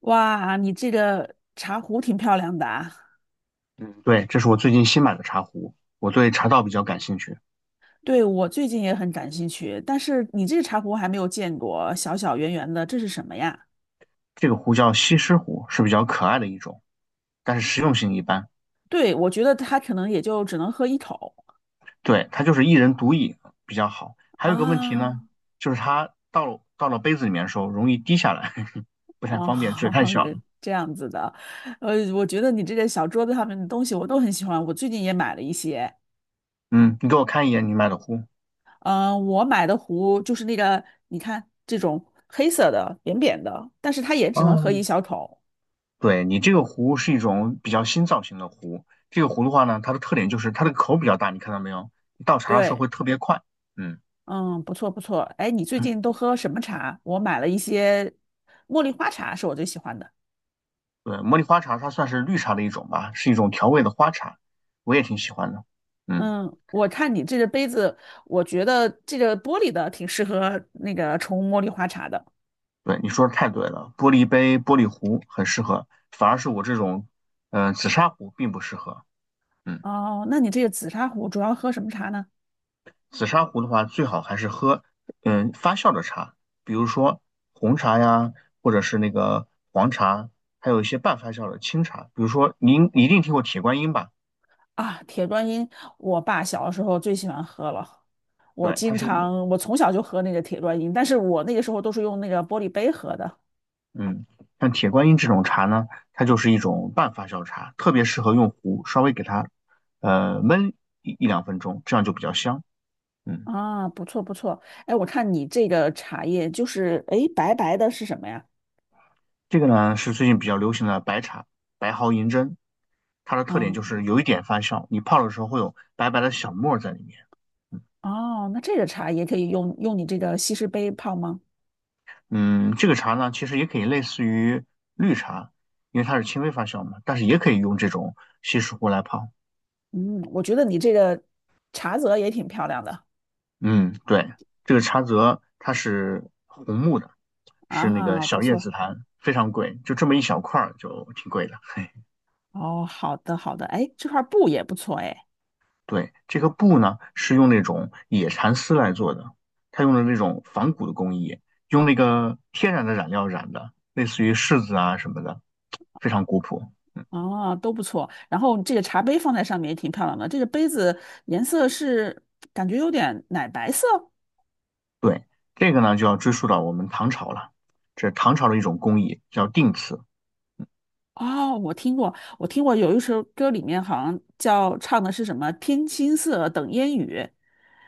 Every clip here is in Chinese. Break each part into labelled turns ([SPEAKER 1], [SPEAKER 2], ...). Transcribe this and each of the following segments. [SPEAKER 1] 哇，你这个茶壶挺漂亮的啊！
[SPEAKER 2] 嗯，对，这是我最近新买的茶壶，我对茶道比较感兴趣。
[SPEAKER 1] 对，我最近也很感兴趣，但是你这个茶壶还没有见过，小小圆圆的，这是什么呀？
[SPEAKER 2] 这个壶叫西施壶，是比较可爱的一种，但是实用性一般。
[SPEAKER 1] 对，我觉得它可能也就只能喝一口
[SPEAKER 2] 对，它就是一人独饮比较好。还有一个问题呢，
[SPEAKER 1] 啊。
[SPEAKER 2] 就是它到了杯子里面的时候容易滴下来，不太
[SPEAKER 1] 哦，
[SPEAKER 2] 方便，嘴太 小
[SPEAKER 1] 是
[SPEAKER 2] 了。
[SPEAKER 1] 这样子的，我觉得你这个小桌子上面的东西我都很喜欢，我最近也买了一些。
[SPEAKER 2] 嗯，你给我看一眼你买的壶。
[SPEAKER 1] 嗯、我买的壶就是那个，你看这种黑色的扁扁的，但是它也只能喝
[SPEAKER 2] 哦，
[SPEAKER 1] 一小口。
[SPEAKER 2] 对，你这个壶是一种比较新造型的壶。这个壶的话呢，它的特点就是它的口比较大，你看到没有？你倒茶的时候
[SPEAKER 1] 对，
[SPEAKER 2] 会特别快。嗯。
[SPEAKER 1] 嗯，不错不错。哎，你最近都喝什么茶？我买了一些茉莉花茶，是我最喜欢的。
[SPEAKER 2] 对，茉莉花茶它算是绿茶的一种吧，是一种调味的花茶，我也挺喜欢的。嗯，
[SPEAKER 1] 嗯，我看你这个杯子，我觉得这个玻璃的挺适合那个冲茉莉花茶的。
[SPEAKER 2] 对，你说的太对了，玻璃杯、玻璃壶很适合，反而是我这种，紫砂壶并不适合。嗯，
[SPEAKER 1] 哦，那你这个紫砂壶主要喝什么茶呢？
[SPEAKER 2] 紫砂壶的话，最好还是喝，嗯，发酵的茶，比如说红茶呀，或者是那个黄茶，还有一些半发酵的清茶，比如说您一定听过铁观音吧？
[SPEAKER 1] 啊，铁观音，我爸小的时候最喜欢喝了。我
[SPEAKER 2] 对，它
[SPEAKER 1] 经
[SPEAKER 2] 是
[SPEAKER 1] 常，我从小就喝那个铁观音，但是我那个时候都是用那个玻璃杯喝的。
[SPEAKER 2] 嗯，像铁观音这种茶呢，它就是一种半发酵茶，特别适合用壶稍微给它焖一两分钟，这样就比较香。嗯，
[SPEAKER 1] 啊，不错不错。哎，我看你这个茶叶就是，哎，白白的是什么呀？
[SPEAKER 2] 这个呢是最近比较流行的白茶，白毫银针，它的特点
[SPEAKER 1] 啊。
[SPEAKER 2] 就是有一点发酵，你泡的时候会有白白的小沫儿在里面。嗯，
[SPEAKER 1] 哦，那这个茶也可以用用你这个西施杯泡吗？
[SPEAKER 2] 嗯这个茶呢其实也可以类似于绿茶，因为它是轻微发酵嘛，但是也可以用这种稀释壶来泡。
[SPEAKER 1] 嗯，我觉得你这个茶则也挺漂亮的
[SPEAKER 2] 嗯，对，这个茶则它是红木的，是那个
[SPEAKER 1] 啊，不
[SPEAKER 2] 小叶
[SPEAKER 1] 错。
[SPEAKER 2] 紫檀，非常贵，就这么一小块儿就挺贵的。嘿，
[SPEAKER 1] 哦，好的好的，哎，这块布也不错哎，
[SPEAKER 2] 对，这个布呢是用那种野蚕丝来做的，它用的那种仿古的工艺，用那个天然的染料染的，类似于柿子啊什么的，非常古朴。
[SPEAKER 1] 哦，都不错。然后这个茶杯放在上面也挺漂亮的，这个杯子颜色是感觉有点奶白色。
[SPEAKER 2] 对，这个呢就要追溯到我们唐朝了，这是唐朝的一种工艺叫定瓷。
[SPEAKER 1] 哦，我听过，我听过有一首歌里面好像叫唱的是什么"天青色等烟雨"，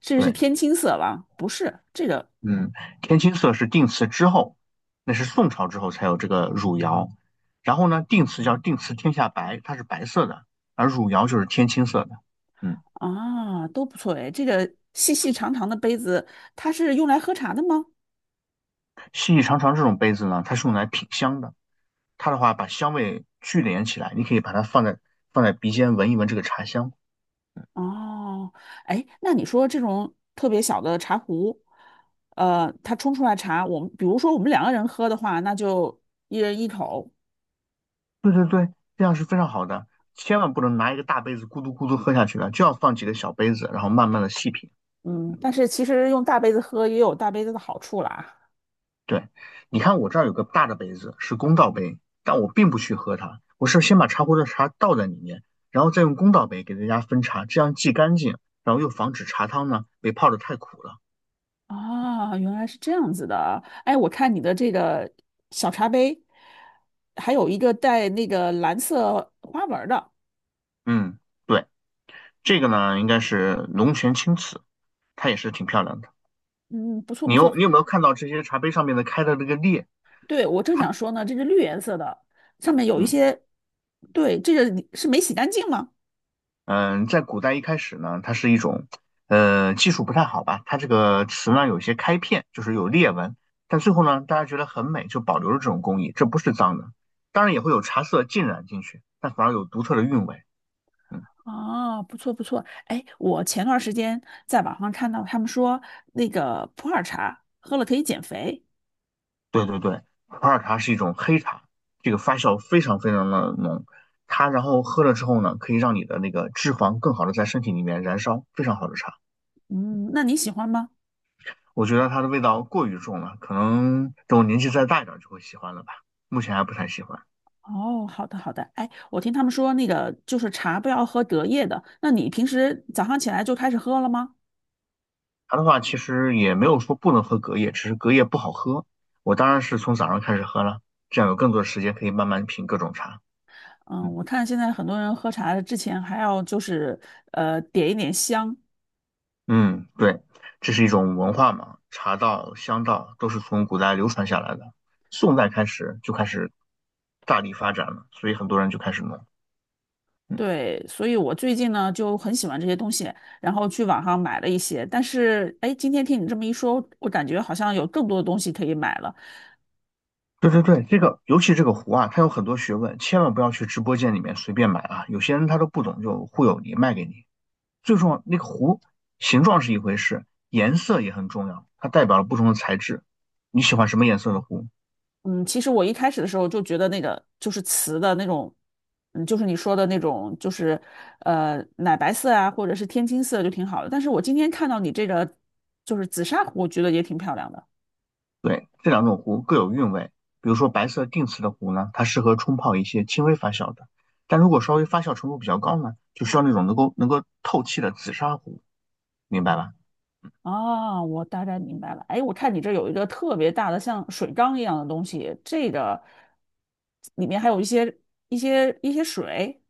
[SPEAKER 1] 这个是
[SPEAKER 2] 对。
[SPEAKER 1] 天青色吧？不是，这个
[SPEAKER 2] 嗯，天青色是定词之后，那是宋朝之后才有这个汝窑。然后呢，定瓷叫定瓷天下白，它是白色的，而汝窑就是天青色的。嗯，
[SPEAKER 1] 啊，都不错哎。这个细细长长的杯子，它是用来喝茶的吗？
[SPEAKER 2] 细细长长这种杯子呢，它是用来品香的。它的话把香味聚敛起来，你可以把它放在鼻尖闻一闻这个茶香。
[SPEAKER 1] 哦，哎，那你说这种特别小的茶壶，它冲出来茶，我们比如说我们两个人喝的话，那就一人一口。
[SPEAKER 2] 对对对，这样是非常好的，千万不能拿一个大杯子咕嘟咕嘟喝下去的，就要放几个小杯子，然后慢慢的细品。
[SPEAKER 1] 嗯，但是其实用大杯子喝也有大杯子的好处啦。
[SPEAKER 2] 对，你看我这儿有个大的杯子，是公道杯，但我并不去喝它，我是先把茶壶的茶倒在里面，然后再用公道杯给大家分茶，这样既干净，然后又防止茶汤呢被泡的太苦了。
[SPEAKER 1] 啊，原来是这样子的。哎，我看你的这个小茶杯，还有一个带那个蓝色花纹儿的，
[SPEAKER 2] 嗯，对，这个呢应该是龙泉青瓷，它也是挺漂亮的。
[SPEAKER 1] 嗯，不错
[SPEAKER 2] 你
[SPEAKER 1] 不错。
[SPEAKER 2] 有你有没有看到这些茶杯上面的开的这个裂？
[SPEAKER 1] 对，我正
[SPEAKER 2] 它
[SPEAKER 1] 想说呢，这是绿颜色的，上面有一
[SPEAKER 2] 嗯。
[SPEAKER 1] 些，对，这个你是没洗干净吗？
[SPEAKER 2] 嗯，在古代一开始呢，它是一种，技术不太好吧，它这个词呢有一些开片，就是有裂纹，但最后呢，大家觉得很美，就保留了这种工艺，这不是脏的，当然也会有茶色浸染进去，但反而有独特的韵味。嗯，
[SPEAKER 1] 啊，不错不错，哎，我前段时间在网上看到他们说那个普洱茶喝了可以减肥，
[SPEAKER 2] 对对对，普洱茶是一种黑茶，这个发酵非常非常的浓，它然后喝了之后呢，可以让你的那个脂肪更好的在身体里面燃烧，非常好的茶。
[SPEAKER 1] 嗯，那你喜欢吗？
[SPEAKER 2] 我觉得它的味道过于重了，可能等我年纪再大一点就会喜欢了吧，目前还不太喜欢。
[SPEAKER 1] 哦，好的好的，哎，我听他们说那个就是茶不要喝隔夜的，那你平时早上起来就开始喝了吗？
[SPEAKER 2] 茶的话，其实也没有说不能喝隔夜，只是隔夜不好喝。我当然是从早上开始喝了，这样有更多的时间可以慢慢品各种茶。
[SPEAKER 1] 嗯，
[SPEAKER 2] 嗯
[SPEAKER 1] 我看现在很多人喝茶之前还要就是点一点香，
[SPEAKER 2] 嗯，对，这是一种文化嘛，茶道、香道都是从古代流传下来的，宋代开始就开始大力发展了，所以很多人就开始弄。嗯，
[SPEAKER 1] 对，所以我最近呢就很喜欢这些东西，然后去网上买了一些。但是，哎，今天听你这么一说，我感觉好像有更多的东西可以买了。
[SPEAKER 2] 对对对，这个尤其这个壶啊，它有很多学问，千万不要去直播间里面随便买啊，有些人他都不懂就忽悠你，卖给你。最重要，那个壶形状是一回事，颜色也很重要，它代表了不同的材质。你喜欢什么颜色的壶？
[SPEAKER 1] 嗯，其实我一开始的时候就觉得那个就是瓷的那种，嗯，就是你说的那种，就是奶白色啊，或者是天青色就挺好的。但是我今天看到你这个就是紫砂壶，我觉得也挺漂亮的。
[SPEAKER 2] 对，这两种壶各有韵味。比如说白色定瓷的壶呢，它适合冲泡一些轻微发酵的；但如果稍微发酵程度比较高呢，就需要那种能够透气的紫砂壶，明白吧？
[SPEAKER 1] 啊，我大概明白了。哎，我看你这有一个特别大的像水缸一样的东西，这个里面还有一些一些水。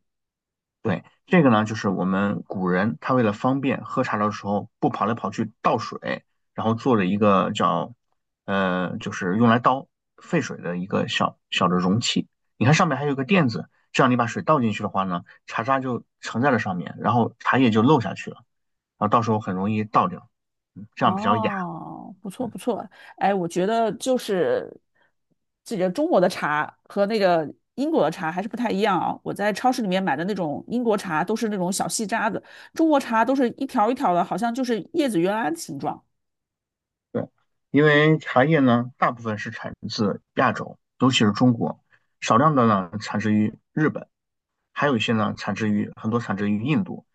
[SPEAKER 2] 对，这个呢，就是我们古人他为了方便喝茶的时候不跑来跑去倒水，然后做了一个叫就是用来倒沸水的一个小小的容器。你看上面还有一个垫子，这样你把水倒进去的话呢，茶渣就盛在了上面，然后茶叶就漏下去了，然后到时候很容易倒掉，这样比较雅。
[SPEAKER 1] 哦，不错不错。哎，我觉得就是这个中国的茶和那个英国的茶还是不太一样啊。我在超市里面买的那种英国茶都是那种小细渣子，中国茶都是一条一条的，好像就是叶子原来的形状。
[SPEAKER 2] 对，因为茶叶呢，大部分是产自亚洲，尤其是中国，少量的呢产自于日本，还有一些呢产自于很多产自于印度。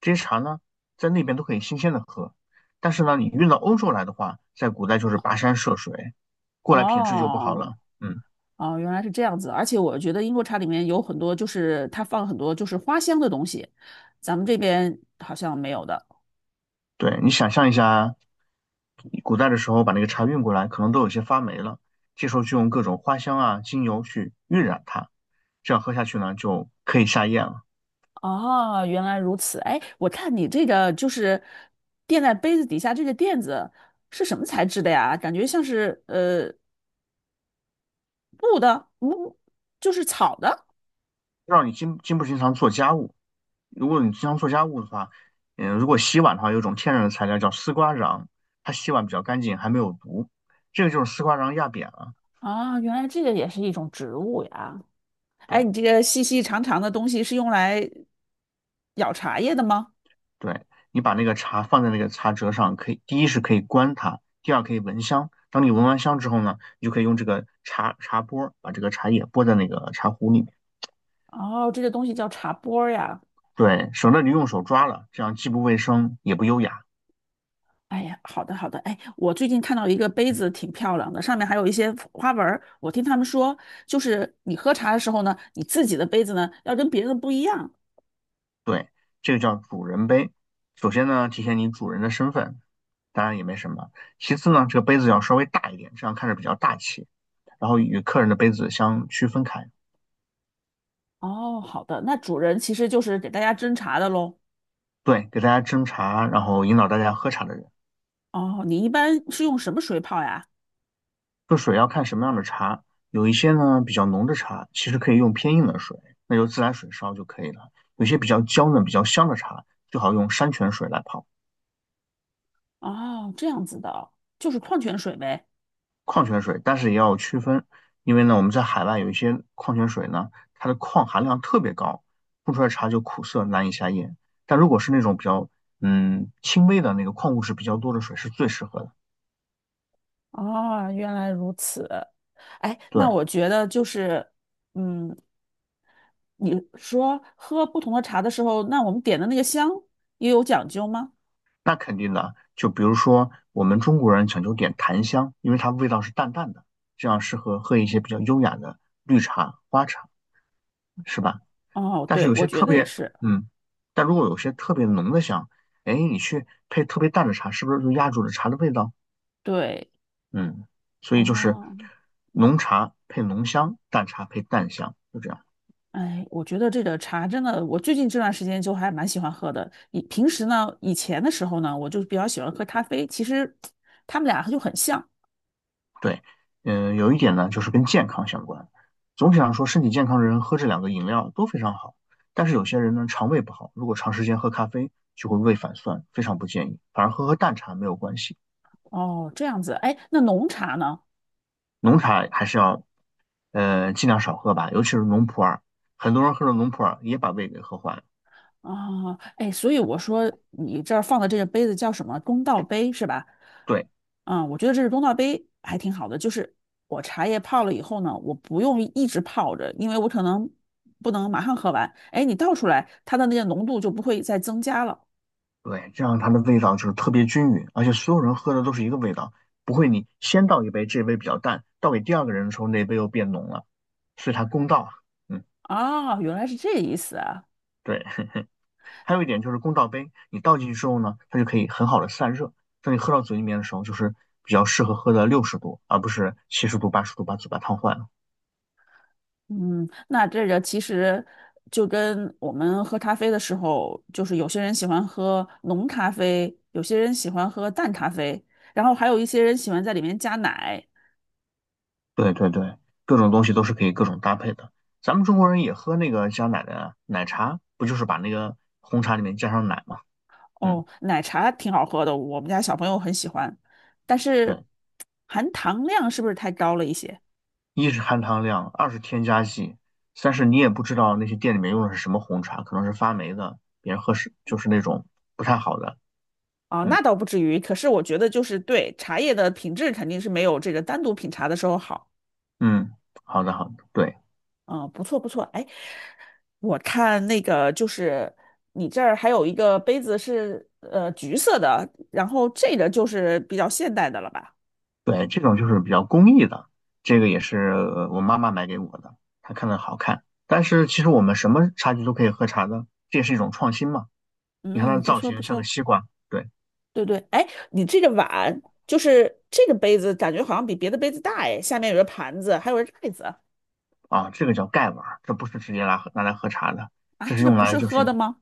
[SPEAKER 2] 这些茶呢，在那边都可以新鲜的喝，但是呢，你运到欧洲来的话，在古代就是跋山涉水，过来品质就不好
[SPEAKER 1] 哦。
[SPEAKER 2] 了。嗯，
[SPEAKER 1] 哦，原来是这样子，而且我觉得英国茶里面有很多，就是它放很多就是花香的东西，咱们这边好像没有的。
[SPEAKER 2] 对，你想象一下，古代的时候把那个茶运过来，可能都有些发霉了，这时候就用各种花香啊、精油去晕染它，这样喝下去呢，就可以下咽了。
[SPEAKER 1] 哦，原来如此。哎，我看你这个就是垫在杯子底下这个垫子是什么材质的呀？感觉像是布的，木，就是草的。
[SPEAKER 2] 让你不经常做家务。如果你经常做家务的话，嗯，如果洗碗的话，有一种天然的材料叫丝瓜瓤，它洗碗比较干净，还没有毒。这个就是丝瓜瓤压扁了。
[SPEAKER 1] 啊，原来这个也是一种植物呀。哎，
[SPEAKER 2] 对
[SPEAKER 1] 你这个细细长长的东西是用来舀茶叶的吗？
[SPEAKER 2] 对，你把那个茶放在那个茶折上，可以第一是可以观它，第二可以闻香。当你闻完香之后呢，你就可以用这个茶拨把这个茶叶拨在那个茶壶里面，
[SPEAKER 1] 哦，这个东西叫茶钵儿呀。
[SPEAKER 2] 对，省得你用手抓了，这样既不卫生也不优雅。
[SPEAKER 1] 哎呀，好的好的，哎，我最近看到一个杯子挺漂亮的，上面还有一些花纹儿。我听他们说，就是你喝茶的时候呢，你自己的杯子呢要跟别人的不一样。
[SPEAKER 2] 对，这个叫主人杯。首先呢，体现你主人的身份，当然也没什么。其次呢，这个杯子要稍微大一点，这样看着比较大气，然后与客人的杯子相区分开。
[SPEAKER 1] 哦，好的，那主人其实就是给大家斟茶的喽。
[SPEAKER 2] 对，给大家斟茶，然后引导大家喝茶的人。
[SPEAKER 1] 哦，你一般是用什么水泡呀？
[SPEAKER 2] 这水要看什么样的茶，有一些呢比较浓的茶，其实可以用偏硬的水，那就自来水烧就可以了。有些比较娇嫩、比较香的茶，最好用山泉水来泡。
[SPEAKER 1] 哦，这样子的哦，就是矿泉水呗。
[SPEAKER 2] 矿泉水，但是也要区分，因为呢，我们在海外有一些矿泉水呢，它的矿含量特别高，冲出来茶就苦涩难以下咽。但如果是那种比较轻微的那个矿物质比较多的水，是最适合的。
[SPEAKER 1] 哦，原来如此。哎，那
[SPEAKER 2] 对，
[SPEAKER 1] 我觉得就是，嗯，你说喝不同的茶的时候，那我们点的那个香也有讲究吗？
[SPEAKER 2] 那肯定的。就比如说我们中国人讲究点檀香，因为它味道是淡淡的，这样适合喝一些比较优雅的绿茶、花茶，是吧？
[SPEAKER 1] 哦，
[SPEAKER 2] 但是
[SPEAKER 1] 对，
[SPEAKER 2] 有
[SPEAKER 1] 我
[SPEAKER 2] 些
[SPEAKER 1] 觉
[SPEAKER 2] 特
[SPEAKER 1] 得也
[SPEAKER 2] 别
[SPEAKER 1] 是，
[SPEAKER 2] 嗯，但如果有些特别浓的香，哎，你去配特别淡的茶，是不是就压住了茶的味道？
[SPEAKER 1] 对，
[SPEAKER 2] 嗯，所以就是
[SPEAKER 1] 哦，
[SPEAKER 2] 浓茶配浓香，淡茶配淡香，就这样。
[SPEAKER 1] 哎，我觉得这个茶真的，我最近这段时间就还蛮喜欢喝的。以平时呢，以前的时候呢，我就比较喜欢喝咖啡，其实 他们俩就很像。
[SPEAKER 2] 对，嗯，有一点呢，就是跟健康相关。总体上说，身体健康的人喝这两个饮料都非常好，但是有些人呢，肠胃不好，如果长时间喝咖啡就会胃反酸，非常不建议。反而喝淡茶没有关系，
[SPEAKER 1] 哦，这样子，哎，那浓茶呢？
[SPEAKER 2] 浓茶还是要尽量少喝吧，尤其是浓普洱，很多人喝了浓普洱也把胃给喝坏了。
[SPEAKER 1] 啊，哎，所以我说你这儿放的这个杯子叫什么？公道杯是吧？
[SPEAKER 2] 对。
[SPEAKER 1] 啊，我觉得这是公道杯还挺好的，就是我茶叶泡了以后呢，我不用一直泡着，因为我可能不能马上喝完。哎，你倒出来，它的那个浓度就不会再增加了。
[SPEAKER 2] 对，这样它的味道就是特别均匀，而且所有人喝的都是一个味道，不会你先倒一杯，这杯比较淡，倒给第二个人的时候，那杯又变浓了，所以它公道。嗯，
[SPEAKER 1] 啊，原来是这个意思啊。
[SPEAKER 2] 对。还有一点就是公道杯，你倒进去之后呢，它就可以很好的散热，当你喝到嘴里面的时候，就是比较适合喝的60度，而不是70度、80度把嘴巴烫坏了。
[SPEAKER 1] 嗯，那这个其实就跟我们喝咖啡的时候，就是有些人喜欢喝浓咖啡，有些人喜欢喝淡咖啡，然后还有一些人喜欢在里面加奶。
[SPEAKER 2] 对对对，各种东西都是可以各种搭配的。咱们中国人也喝那个加奶的奶茶，不就是把那个红茶里面加上奶嘛？嗯。
[SPEAKER 1] 哦，奶茶挺好喝的，我们家小朋友很喜欢，但是
[SPEAKER 2] 对。
[SPEAKER 1] 含糖量是不是太高了一些？
[SPEAKER 2] 一是含糖量，二是添加剂，三是你也不知道那些店里面用的是什么红茶，可能是发霉的，别人喝是就是那种不太好的。
[SPEAKER 1] 啊，
[SPEAKER 2] 嗯
[SPEAKER 1] 那倒不至于，可是我觉得就是对茶叶的品质肯定是没有这个单独品茶的时候好。
[SPEAKER 2] 嗯，好的好的，对
[SPEAKER 1] 啊，不错不错，哎，我看那个就是你这儿还有一个杯子是橘色的，然后这个就是比较现代的了吧？
[SPEAKER 2] 对，这种就是比较工艺的，这个也是我妈妈买给我的，她看着好看。但是其实我们什么茶具都可以喝茶的，这也是一种创新嘛。你看它的
[SPEAKER 1] 嗯，不
[SPEAKER 2] 造
[SPEAKER 1] 错不
[SPEAKER 2] 型像个
[SPEAKER 1] 错，
[SPEAKER 2] 西瓜，对。
[SPEAKER 1] 对对，哎，你这个碗就是这个杯子，感觉好像比别的杯子大哎，下面有个盘子，还有个盖子
[SPEAKER 2] 啊，这个叫盖碗儿，这不是直接拿来喝茶的，
[SPEAKER 1] 啊，
[SPEAKER 2] 这是
[SPEAKER 1] 这个
[SPEAKER 2] 用
[SPEAKER 1] 不
[SPEAKER 2] 来
[SPEAKER 1] 是
[SPEAKER 2] 就
[SPEAKER 1] 喝
[SPEAKER 2] 是
[SPEAKER 1] 的吗？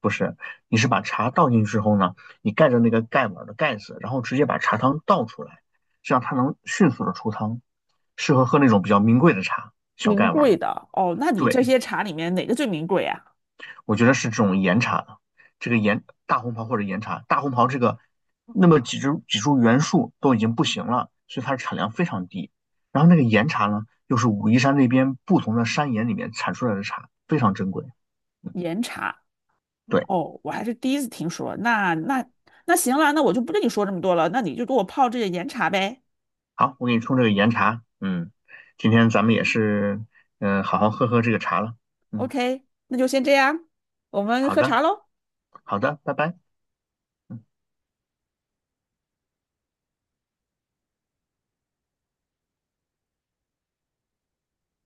[SPEAKER 2] 不是，你是把茶倒进去之后呢，你盖着那个盖碗儿的盖子，然后直接把茶汤倒出来，这样它能迅速的出汤，适合喝那种比较名贵的茶，小
[SPEAKER 1] 名
[SPEAKER 2] 盖碗
[SPEAKER 1] 贵
[SPEAKER 2] 儿。
[SPEAKER 1] 的哦，那你
[SPEAKER 2] 对。
[SPEAKER 1] 这些茶里面哪个最名贵啊？
[SPEAKER 2] 我觉得是这种岩茶，这个岩大红袍或者岩茶，大红袍这个那么几株几株原树都已经不行了，所以它的产量非常低。然后那个岩茶呢，又是武夷山那边不同的山岩里面产出来的茶，非常珍贵。嗯，
[SPEAKER 1] 岩茶
[SPEAKER 2] 对，
[SPEAKER 1] 哦，我还是第一次听说，那那那行了，那我就不跟你说这么多了，那你就给我泡这个岩茶呗。
[SPEAKER 2] 好，我给你冲这个岩茶。嗯，今天咱们也是，好好喝喝这个茶了。嗯，
[SPEAKER 1] OK，那就先这样，我们
[SPEAKER 2] 好
[SPEAKER 1] 喝
[SPEAKER 2] 的，
[SPEAKER 1] 茶喽。
[SPEAKER 2] 好的，拜拜。嗯。